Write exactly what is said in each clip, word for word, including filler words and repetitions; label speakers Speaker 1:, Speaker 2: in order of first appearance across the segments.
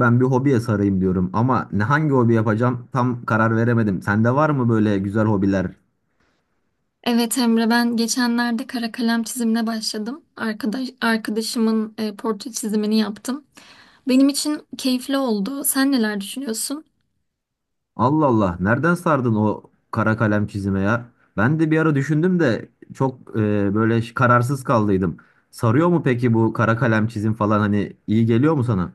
Speaker 1: Ben bir hobiye sarayım diyorum ama ne hangi hobi yapacağım tam karar veremedim. Sende var mı böyle güzel hobiler?
Speaker 2: Evet Emre, ben geçenlerde kara kalem çizimine başladım. Arkadaş, arkadaşımın e, portre çizimini yaptım. Benim için keyifli oldu. Sen neler düşünüyorsun?
Speaker 1: Allah Allah, nereden sardın o kara kalem çizime ya? Ben de bir ara düşündüm de çok e, böyle ş- kararsız kaldıydım. Sarıyor mu peki bu kara kalem çizim falan hani iyi geliyor mu sana?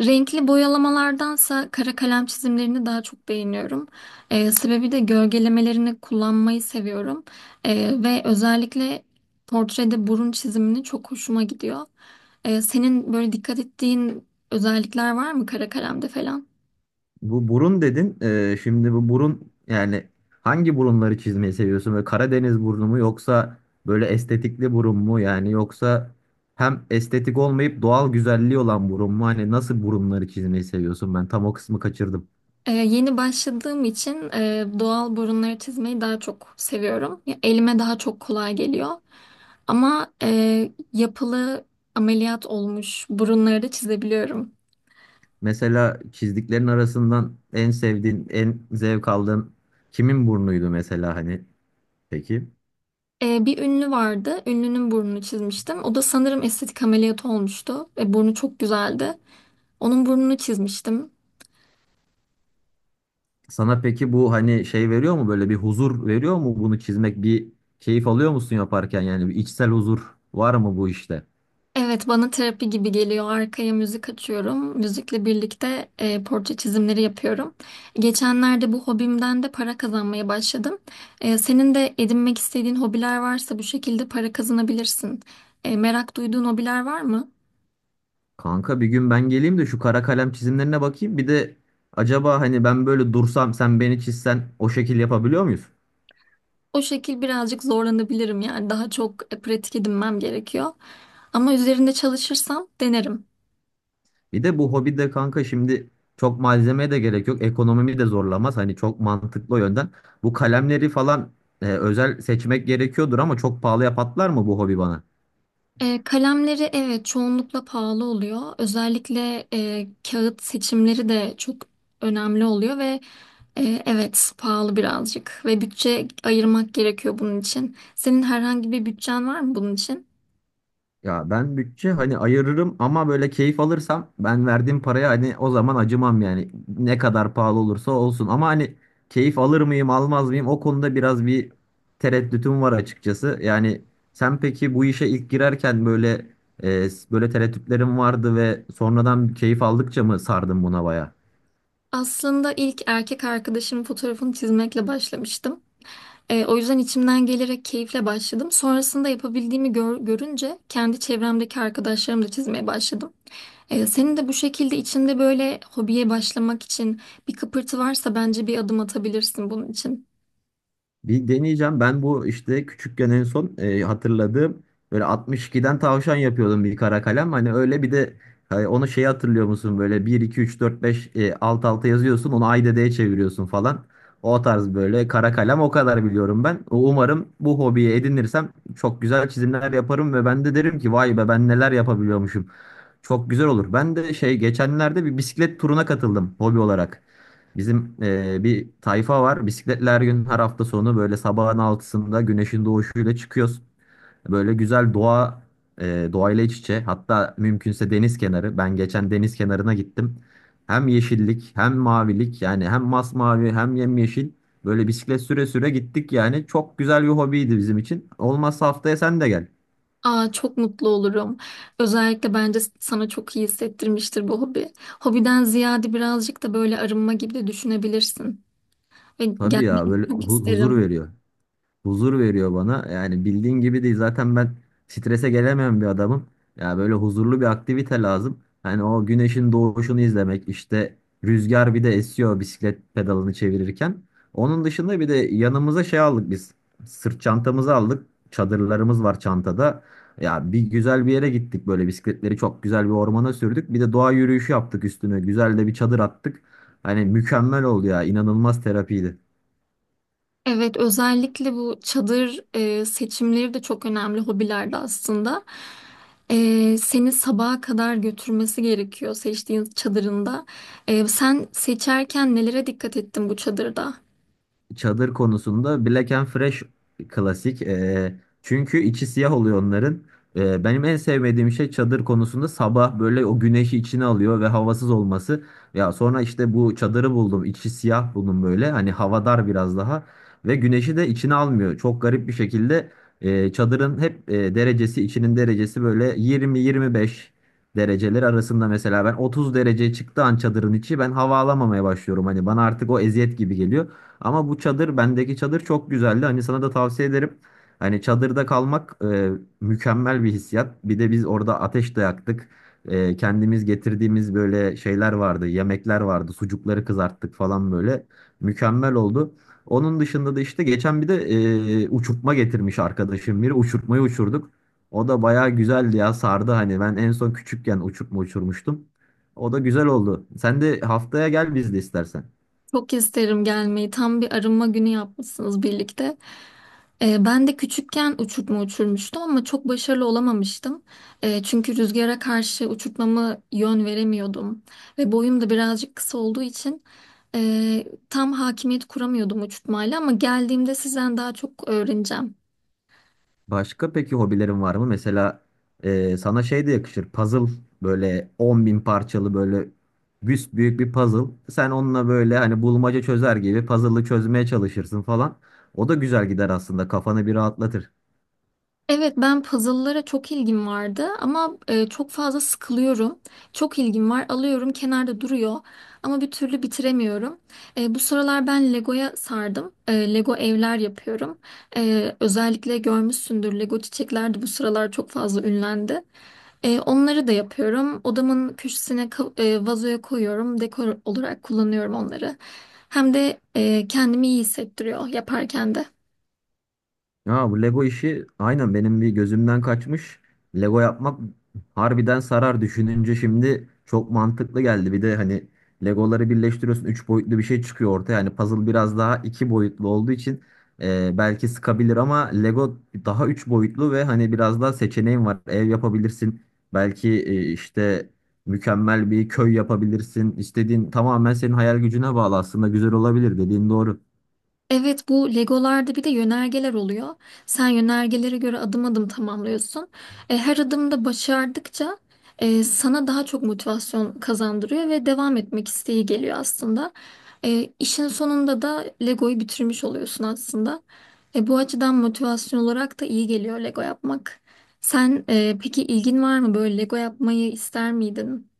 Speaker 2: Renkli boyalamalardansa kara kalem çizimlerini daha çok beğeniyorum. E, sebebi de gölgelemelerini kullanmayı seviyorum. E, ve özellikle portrede burun çizimini çok hoşuma gidiyor. E, senin böyle dikkat ettiğin özellikler var mı kara kalemde falan?
Speaker 1: Bu burun dedin. Ee, şimdi bu burun yani hangi burunları çizmeyi seviyorsun? Böyle Karadeniz burnu mu yoksa böyle estetikli burun mu? Yani yoksa hem estetik olmayıp doğal güzelliği olan burun mu? Hani nasıl burunları çizmeyi seviyorsun? Ben tam o kısmı kaçırdım.
Speaker 2: Ee, yeni başladığım için e, doğal burunları çizmeyi daha çok seviyorum. Ya, elime daha çok kolay geliyor. Ama e, yapılı ameliyat olmuş burunları da çizebiliyorum.
Speaker 1: Mesela çizdiklerin arasından en sevdiğin, en zevk aldığın kimin burnuydu mesela hani? Peki.
Speaker 2: Ee, bir ünlü vardı. Ünlünün burnunu çizmiştim. O da sanırım estetik ameliyat olmuştu. Ve burnu çok güzeldi. Onun burnunu çizmiştim.
Speaker 1: Sana peki bu hani şey veriyor mu, böyle bir huzur veriyor mu bunu çizmek, bir keyif alıyor musun yaparken, yani bir içsel huzur var mı bu işte?
Speaker 2: Evet, bana terapi gibi geliyor. Arkaya müzik açıyorum. Müzikle birlikte e, portre çizimleri yapıyorum. Geçenlerde bu hobimden de para kazanmaya başladım. E, senin de edinmek istediğin hobiler varsa bu şekilde para kazanabilirsin. E, merak duyduğun hobiler var mı?
Speaker 1: Kanka bir gün ben geleyim de şu kara kalem çizimlerine bakayım bir de, acaba hani ben böyle dursam sen beni çizsen o şekil yapabiliyor muyuz?
Speaker 2: O şekil birazcık zorlanabilirim, yani daha çok e, pratik edinmem gerekiyor. Ama üzerinde çalışırsam denerim.
Speaker 1: Bir de bu hobide kanka şimdi çok malzemeye de gerek yok, ekonomimi de zorlamaz hani, çok mantıklı o yönden. Bu kalemleri falan e, özel seçmek gerekiyordur ama çok pahalıya patlar mı bu hobi bana?
Speaker 2: E, kalemleri evet çoğunlukla pahalı oluyor. Özellikle e, kağıt seçimleri de çok önemli oluyor ve e, evet pahalı birazcık ve bütçe ayırmak gerekiyor bunun için. Senin herhangi bir bütçen var mı bunun için?
Speaker 1: Ya ben bütçe hani ayırırım ama böyle keyif alırsam ben verdiğim paraya hani o zaman acımam yani, ne kadar pahalı olursa olsun ama hani keyif alır mıyım almaz mıyım, o konuda biraz bir tereddütüm var açıkçası. Yani sen peki bu işe ilk girerken böyle e, böyle tereddütlerin vardı ve sonradan keyif aldıkça mı sardın buna baya?
Speaker 2: Aslında ilk erkek arkadaşımın fotoğrafını çizmekle başlamıştım. E, o yüzden içimden gelerek keyifle başladım. Sonrasında yapabildiğimi gör- görünce kendi çevremdeki arkadaşlarımı da çizmeye başladım. E, senin de bu şekilde içinde böyle hobiye başlamak için bir kıpırtı varsa bence bir adım atabilirsin bunun için.
Speaker 1: Bir deneyeceğim. Ben bu işte küçükken en son e, hatırladığım böyle altmış ikiden tavşan yapıyordum bir kara kalem. Hani öyle bir de, hani onu şey, hatırlıyor musun böyle bir iki üç dört beş e, alt alta yazıyorsun onu, ay dedeye çeviriyorsun falan. O tarz böyle kara kalem, o kadar biliyorum ben. Umarım bu hobiyi edinirsem çok güzel çizimler yaparım ve ben de derim ki vay be, ben neler yapabiliyormuşum. Çok güzel olur. Ben de şey, geçenlerde bir bisiklet turuna katıldım hobi olarak. Bizim eee, bir tayfa var. Bisikletler gün her hafta sonu böyle sabahın altısında güneşin doğuşuyla çıkıyoruz. Böyle güzel doğa, eee doğayla iç içe. Hatta mümkünse deniz kenarı. Ben geçen deniz kenarına gittim. Hem yeşillik hem mavilik, yani hem masmavi hem yemyeşil. Böyle bisiklet süre süre gittik yani. Çok güzel bir hobiydi bizim için. Olmazsa haftaya sen de gel.
Speaker 2: Aa, çok mutlu olurum. Özellikle bence sana çok iyi hissettirmiştir bu hobi. Hobiden ziyade birazcık da böyle arınma gibi de düşünebilirsin. Ve
Speaker 1: Tabii
Speaker 2: gelmeyi
Speaker 1: ya, böyle
Speaker 2: çok
Speaker 1: hu- huzur
Speaker 2: isterim.
Speaker 1: veriyor. Huzur veriyor bana. Yani bildiğin gibi değil. Zaten ben strese gelemeyen bir adamım. Ya böyle huzurlu bir aktivite lazım. Hani o güneşin doğuşunu izlemek, işte rüzgar bir de esiyor bisiklet pedalını çevirirken. Onun dışında bir de yanımıza şey aldık biz. Sırt çantamızı aldık. Çadırlarımız var çantada. Ya bir güzel bir yere gittik, böyle bisikletleri çok güzel bir ormana sürdük. Bir de doğa yürüyüşü yaptık üstüne. Güzel de bir çadır attık. Hani mükemmel oldu ya. İnanılmaz terapiydi.
Speaker 2: Evet, özellikle bu çadır e, seçimleri de çok önemli hobilerde aslında. E, seni sabaha kadar götürmesi gerekiyor seçtiğin çadırında. E, sen seçerken nelere dikkat ettin bu çadırda?
Speaker 1: Çadır konusunda Black and Fresh klasik. Ee, çünkü içi siyah oluyor onların. Ee, benim en sevmediğim şey çadır konusunda, sabah böyle o güneşi içine alıyor ve havasız olması. Ya sonra işte bu çadırı buldum. İçi siyah buldum böyle. Hani havadar biraz daha. Ve güneşi de içine almıyor. Çok garip bir şekilde e, çadırın hep e, derecesi, içinin derecesi böyle yirmi yirmi beş dereceler arasında, mesela ben otuz dereceye çıktığı an çadırın içi, ben hava alamamaya başlıyorum. Hani bana artık o eziyet gibi geliyor. Ama bu çadır, bendeki çadır çok güzeldi. Hani sana da tavsiye ederim. Hani çadırda kalmak e, mükemmel bir hissiyat. Bir de biz orada ateş de yaktık. E, kendimiz getirdiğimiz böyle şeyler vardı. Yemekler vardı. Sucukları kızarttık falan böyle. Mükemmel oldu. Onun dışında da işte geçen bir de e, uçurtma getirmiş arkadaşım biri. Uçurtmayı uçurduk. O da bayağı güzeldi ya, sardı hani. Ben en son küçükken uçurtma uçurmuştum. O da güzel oldu. Sen de haftaya gel biz de istersen.
Speaker 2: Çok isterim gelmeyi. Tam bir arınma günü yapmışsınız birlikte. Ee, ben de küçükken uçurtma uçurmuştum ama çok başarılı olamamıştım. Ee, çünkü rüzgara karşı uçurtmamı yön veremiyordum. Ve boyum da birazcık kısa olduğu için e, tam hakimiyet kuramıyordum uçurtmayla, ama geldiğimde sizden daha çok öğreneceğim.
Speaker 1: Başka peki hobilerin var mı? Mesela e, sana şey de yakışır. Puzzle, böyle on bin parçalı böyle büs büyük bir puzzle. Sen onunla böyle hani bulmaca çözer gibi puzzle'ı çözmeye çalışırsın falan. O da güzel gider aslında. Kafanı bir rahatlatır.
Speaker 2: Evet, ben puzzle'lara çok ilgim vardı ama e, çok fazla sıkılıyorum. Çok ilgim var, alıyorum, kenarda duruyor ama bir türlü bitiremiyorum. E, bu sıralar ben Lego'ya sardım. E, Lego evler yapıyorum. E, özellikle görmüşsündür, Lego çiçekler de bu sıralar çok fazla ünlendi. E, onları da yapıyorum. Odamın köşesine ka- e, vazoya koyuyorum. Dekor olarak kullanıyorum onları. Hem de e, kendimi iyi hissettiriyor yaparken de.
Speaker 1: Ha, bu Lego işi aynen benim bir gözümden kaçmış. Lego yapmak harbiden sarar. Düşününce şimdi çok mantıklı geldi. Bir de hani Legoları birleştiriyorsun, üç boyutlu bir şey çıkıyor ortaya. Yani puzzle biraz daha iki boyutlu olduğu için e, belki sıkabilir ama Lego daha üç boyutlu ve hani biraz daha seçeneğin var. Ev yapabilirsin. Belki e, işte mükemmel bir köy yapabilirsin. İstediğin tamamen senin hayal gücüne bağlı. Aslında güzel olabilir, dediğin doğru.
Speaker 2: Evet, bu Legolarda bir de yönergeler oluyor. Sen yönergelere göre adım adım tamamlıyorsun. E, her adımda başardıkça e, sana daha çok motivasyon kazandırıyor ve devam etmek isteği geliyor aslında. E, işin sonunda da Lego'yu bitirmiş oluyorsun aslında. E, bu açıdan motivasyon olarak da iyi geliyor Lego yapmak. Sen e, peki ilgin var mı, böyle Lego yapmayı ister miydin?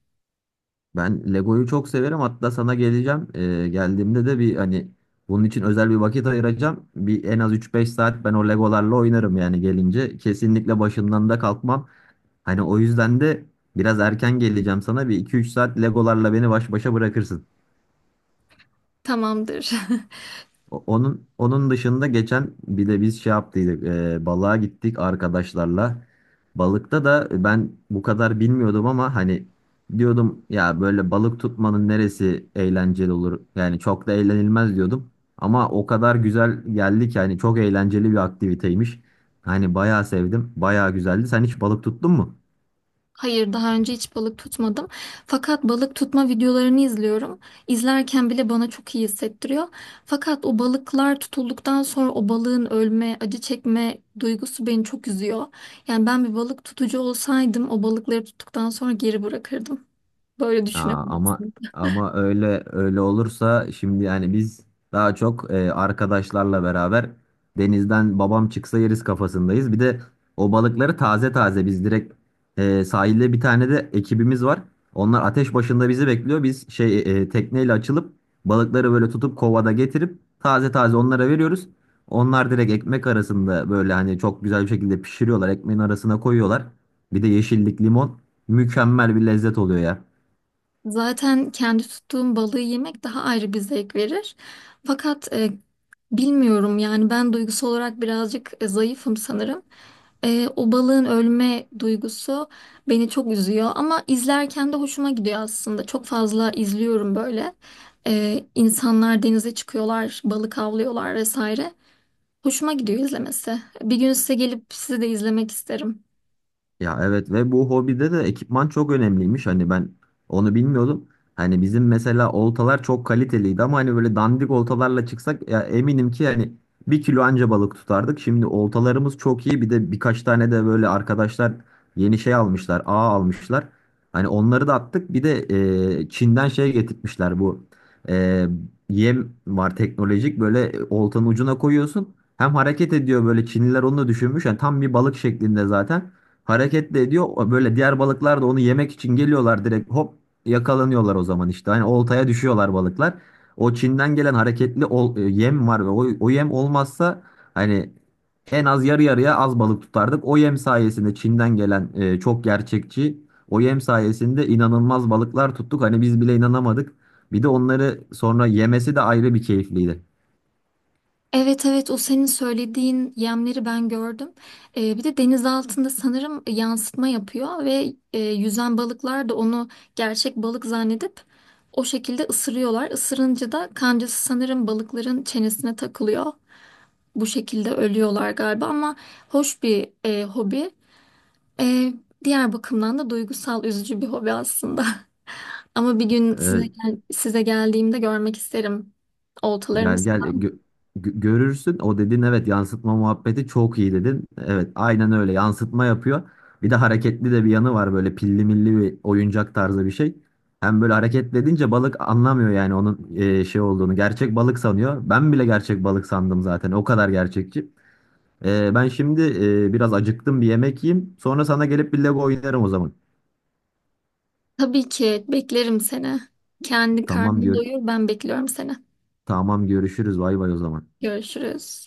Speaker 1: Ben Lego'yu çok severim. Hatta sana geleceğim. Ee, geldiğimde de bir hani bunun için özel bir vakit ayıracağım. Bir en az üç beş saat ben o Legolarla oynarım yani gelince. Kesinlikle başından da kalkmam. Hani o yüzden de biraz erken geleceğim sana. Bir iki üç saat Legolarla beni baş başa bırakırsın.
Speaker 2: Tamamdır.
Speaker 1: O- Onun onun dışında geçen bir de biz şey yaptıydık, e, balığa gittik arkadaşlarla. Balıkta da ben bu kadar bilmiyordum ama hani diyordum ya, böyle balık tutmanın neresi eğlenceli olur? Yani çok da eğlenilmez diyordum. Ama o kadar güzel geldi ki hani, çok eğlenceli bir aktiviteymiş. Hani bayağı sevdim, bayağı güzeldi. Sen hiç balık tuttun mu?
Speaker 2: Hayır, daha önce hiç balık tutmadım. Fakat balık tutma videolarını izliyorum. İzlerken bile bana çok iyi hissettiriyor. Fakat o balıklar tutulduktan sonra o balığın ölme, acı çekme duygusu beni çok üzüyor. Yani ben bir balık tutucu olsaydım, o balıkları tuttuktan sonra geri bırakırdım. Böyle
Speaker 1: Aa,
Speaker 2: düşünüyorum
Speaker 1: ama
Speaker 2: aslında.
Speaker 1: ama öyle öyle olursa şimdi, yani biz daha çok e, arkadaşlarla beraber denizden babam çıksa yeriz kafasındayız. Bir de o balıkları taze taze biz direkt, e, sahilde bir tane de ekibimiz var. Onlar ateş başında bizi bekliyor. Biz şey, e, tekneyle açılıp balıkları böyle tutup kovada getirip taze taze onlara veriyoruz. Onlar direkt ekmek arasında böyle hani çok güzel bir şekilde pişiriyorlar. Ekmeğin arasına koyuyorlar. Bir de yeşillik, limon, mükemmel bir lezzet oluyor ya.
Speaker 2: Zaten kendi tuttuğum balığı yemek daha ayrı bir zevk verir. Fakat e, bilmiyorum, yani ben duygusal olarak birazcık e, zayıfım sanırım. Ee, o balığın ölme duygusu beni çok üzüyor ama izlerken de hoşuma gidiyor aslında. Çok fazla izliyorum böyle. Ee, insanlar denize çıkıyorlar, balık avlıyorlar vesaire. Hoşuma gidiyor izlemesi. Bir gün size gelip sizi de izlemek isterim.
Speaker 1: Ya evet, ve bu hobide de ekipman çok önemliymiş. Hani ben onu bilmiyordum. Hani bizim mesela oltalar çok kaliteliydi ama hani böyle dandik oltalarla çıksak ya, eminim ki yani bir kilo anca balık tutardık. Şimdi oltalarımız çok iyi. Bir de birkaç tane de böyle arkadaşlar yeni şey almışlar, ağ almışlar. Hani onları da attık. Bir de e, Çin'den şey getirtmişler, bu e, yem var teknolojik, böyle e, oltanın ucuna koyuyorsun. Hem hareket ediyor böyle. Çinliler onu da düşünmüş. Yani tam bir balık şeklinde zaten. Hareket de ediyor. Böyle diğer balıklar da onu yemek için geliyorlar, direkt hop yakalanıyorlar o zaman işte. Hani oltaya düşüyorlar balıklar. O Çin'den gelen hareketli ol- e, yem var ve o, o yem olmazsa hani en az yarı yarıya az balık tutardık. O yem sayesinde, Çin'den gelen e, çok gerçekçi o yem sayesinde inanılmaz balıklar tuttuk. Hani biz bile inanamadık. Bir de onları sonra yemesi de ayrı bir keyifliydi.
Speaker 2: Evet, evet, o senin söylediğin yemleri ben gördüm. Ee, bir de deniz altında sanırım yansıtma yapıyor ve e, yüzen balıklar da onu gerçek balık zannedip o şekilde ısırıyorlar. Isırınca da kancası sanırım balıkların çenesine takılıyor. Bu şekilde ölüyorlar galiba ama hoş bir e, hobi. E, Diğer bakımdan da duygusal, üzücü bir hobi aslında. Ama bir gün size
Speaker 1: E,
Speaker 2: gel- size geldiğimde görmek isterim
Speaker 1: Gel
Speaker 2: oltalarınızı.
Speaker 1: gel, e, gö- gö- görürsün. O dedin, evet, yansıtma muhabbeti çok iyi dedin. Evet, aynen öyle yansıtma yapıyor. Bir de hareketli de bir yanı var, böyle pilli milli bir oyuncak tarzı bir şey. Hem böyle hareketli edince balık anlamıyor yani onun e, şey olduğunu. Gerçek balık sanıyor. Ben bile gerçek balık sandım zaten. O kadar gerçekçi. E, ben şimdi e, biraz acıktım, bir yemek yiyeyim. Sonra sana gelip bir Lego oynarım o zaman.
Speaker 2: Tabii ki beklerim seni. Kendi
Speaker 1: Tamam,
Speaker 2: karnını
Speaker 1: gör
Speaker 2: doyur, ben bekliyorum seni.
Speaker 1: tamam görüşürüz. Bay bay o zaman.
Speaker 2: Görüşürüz.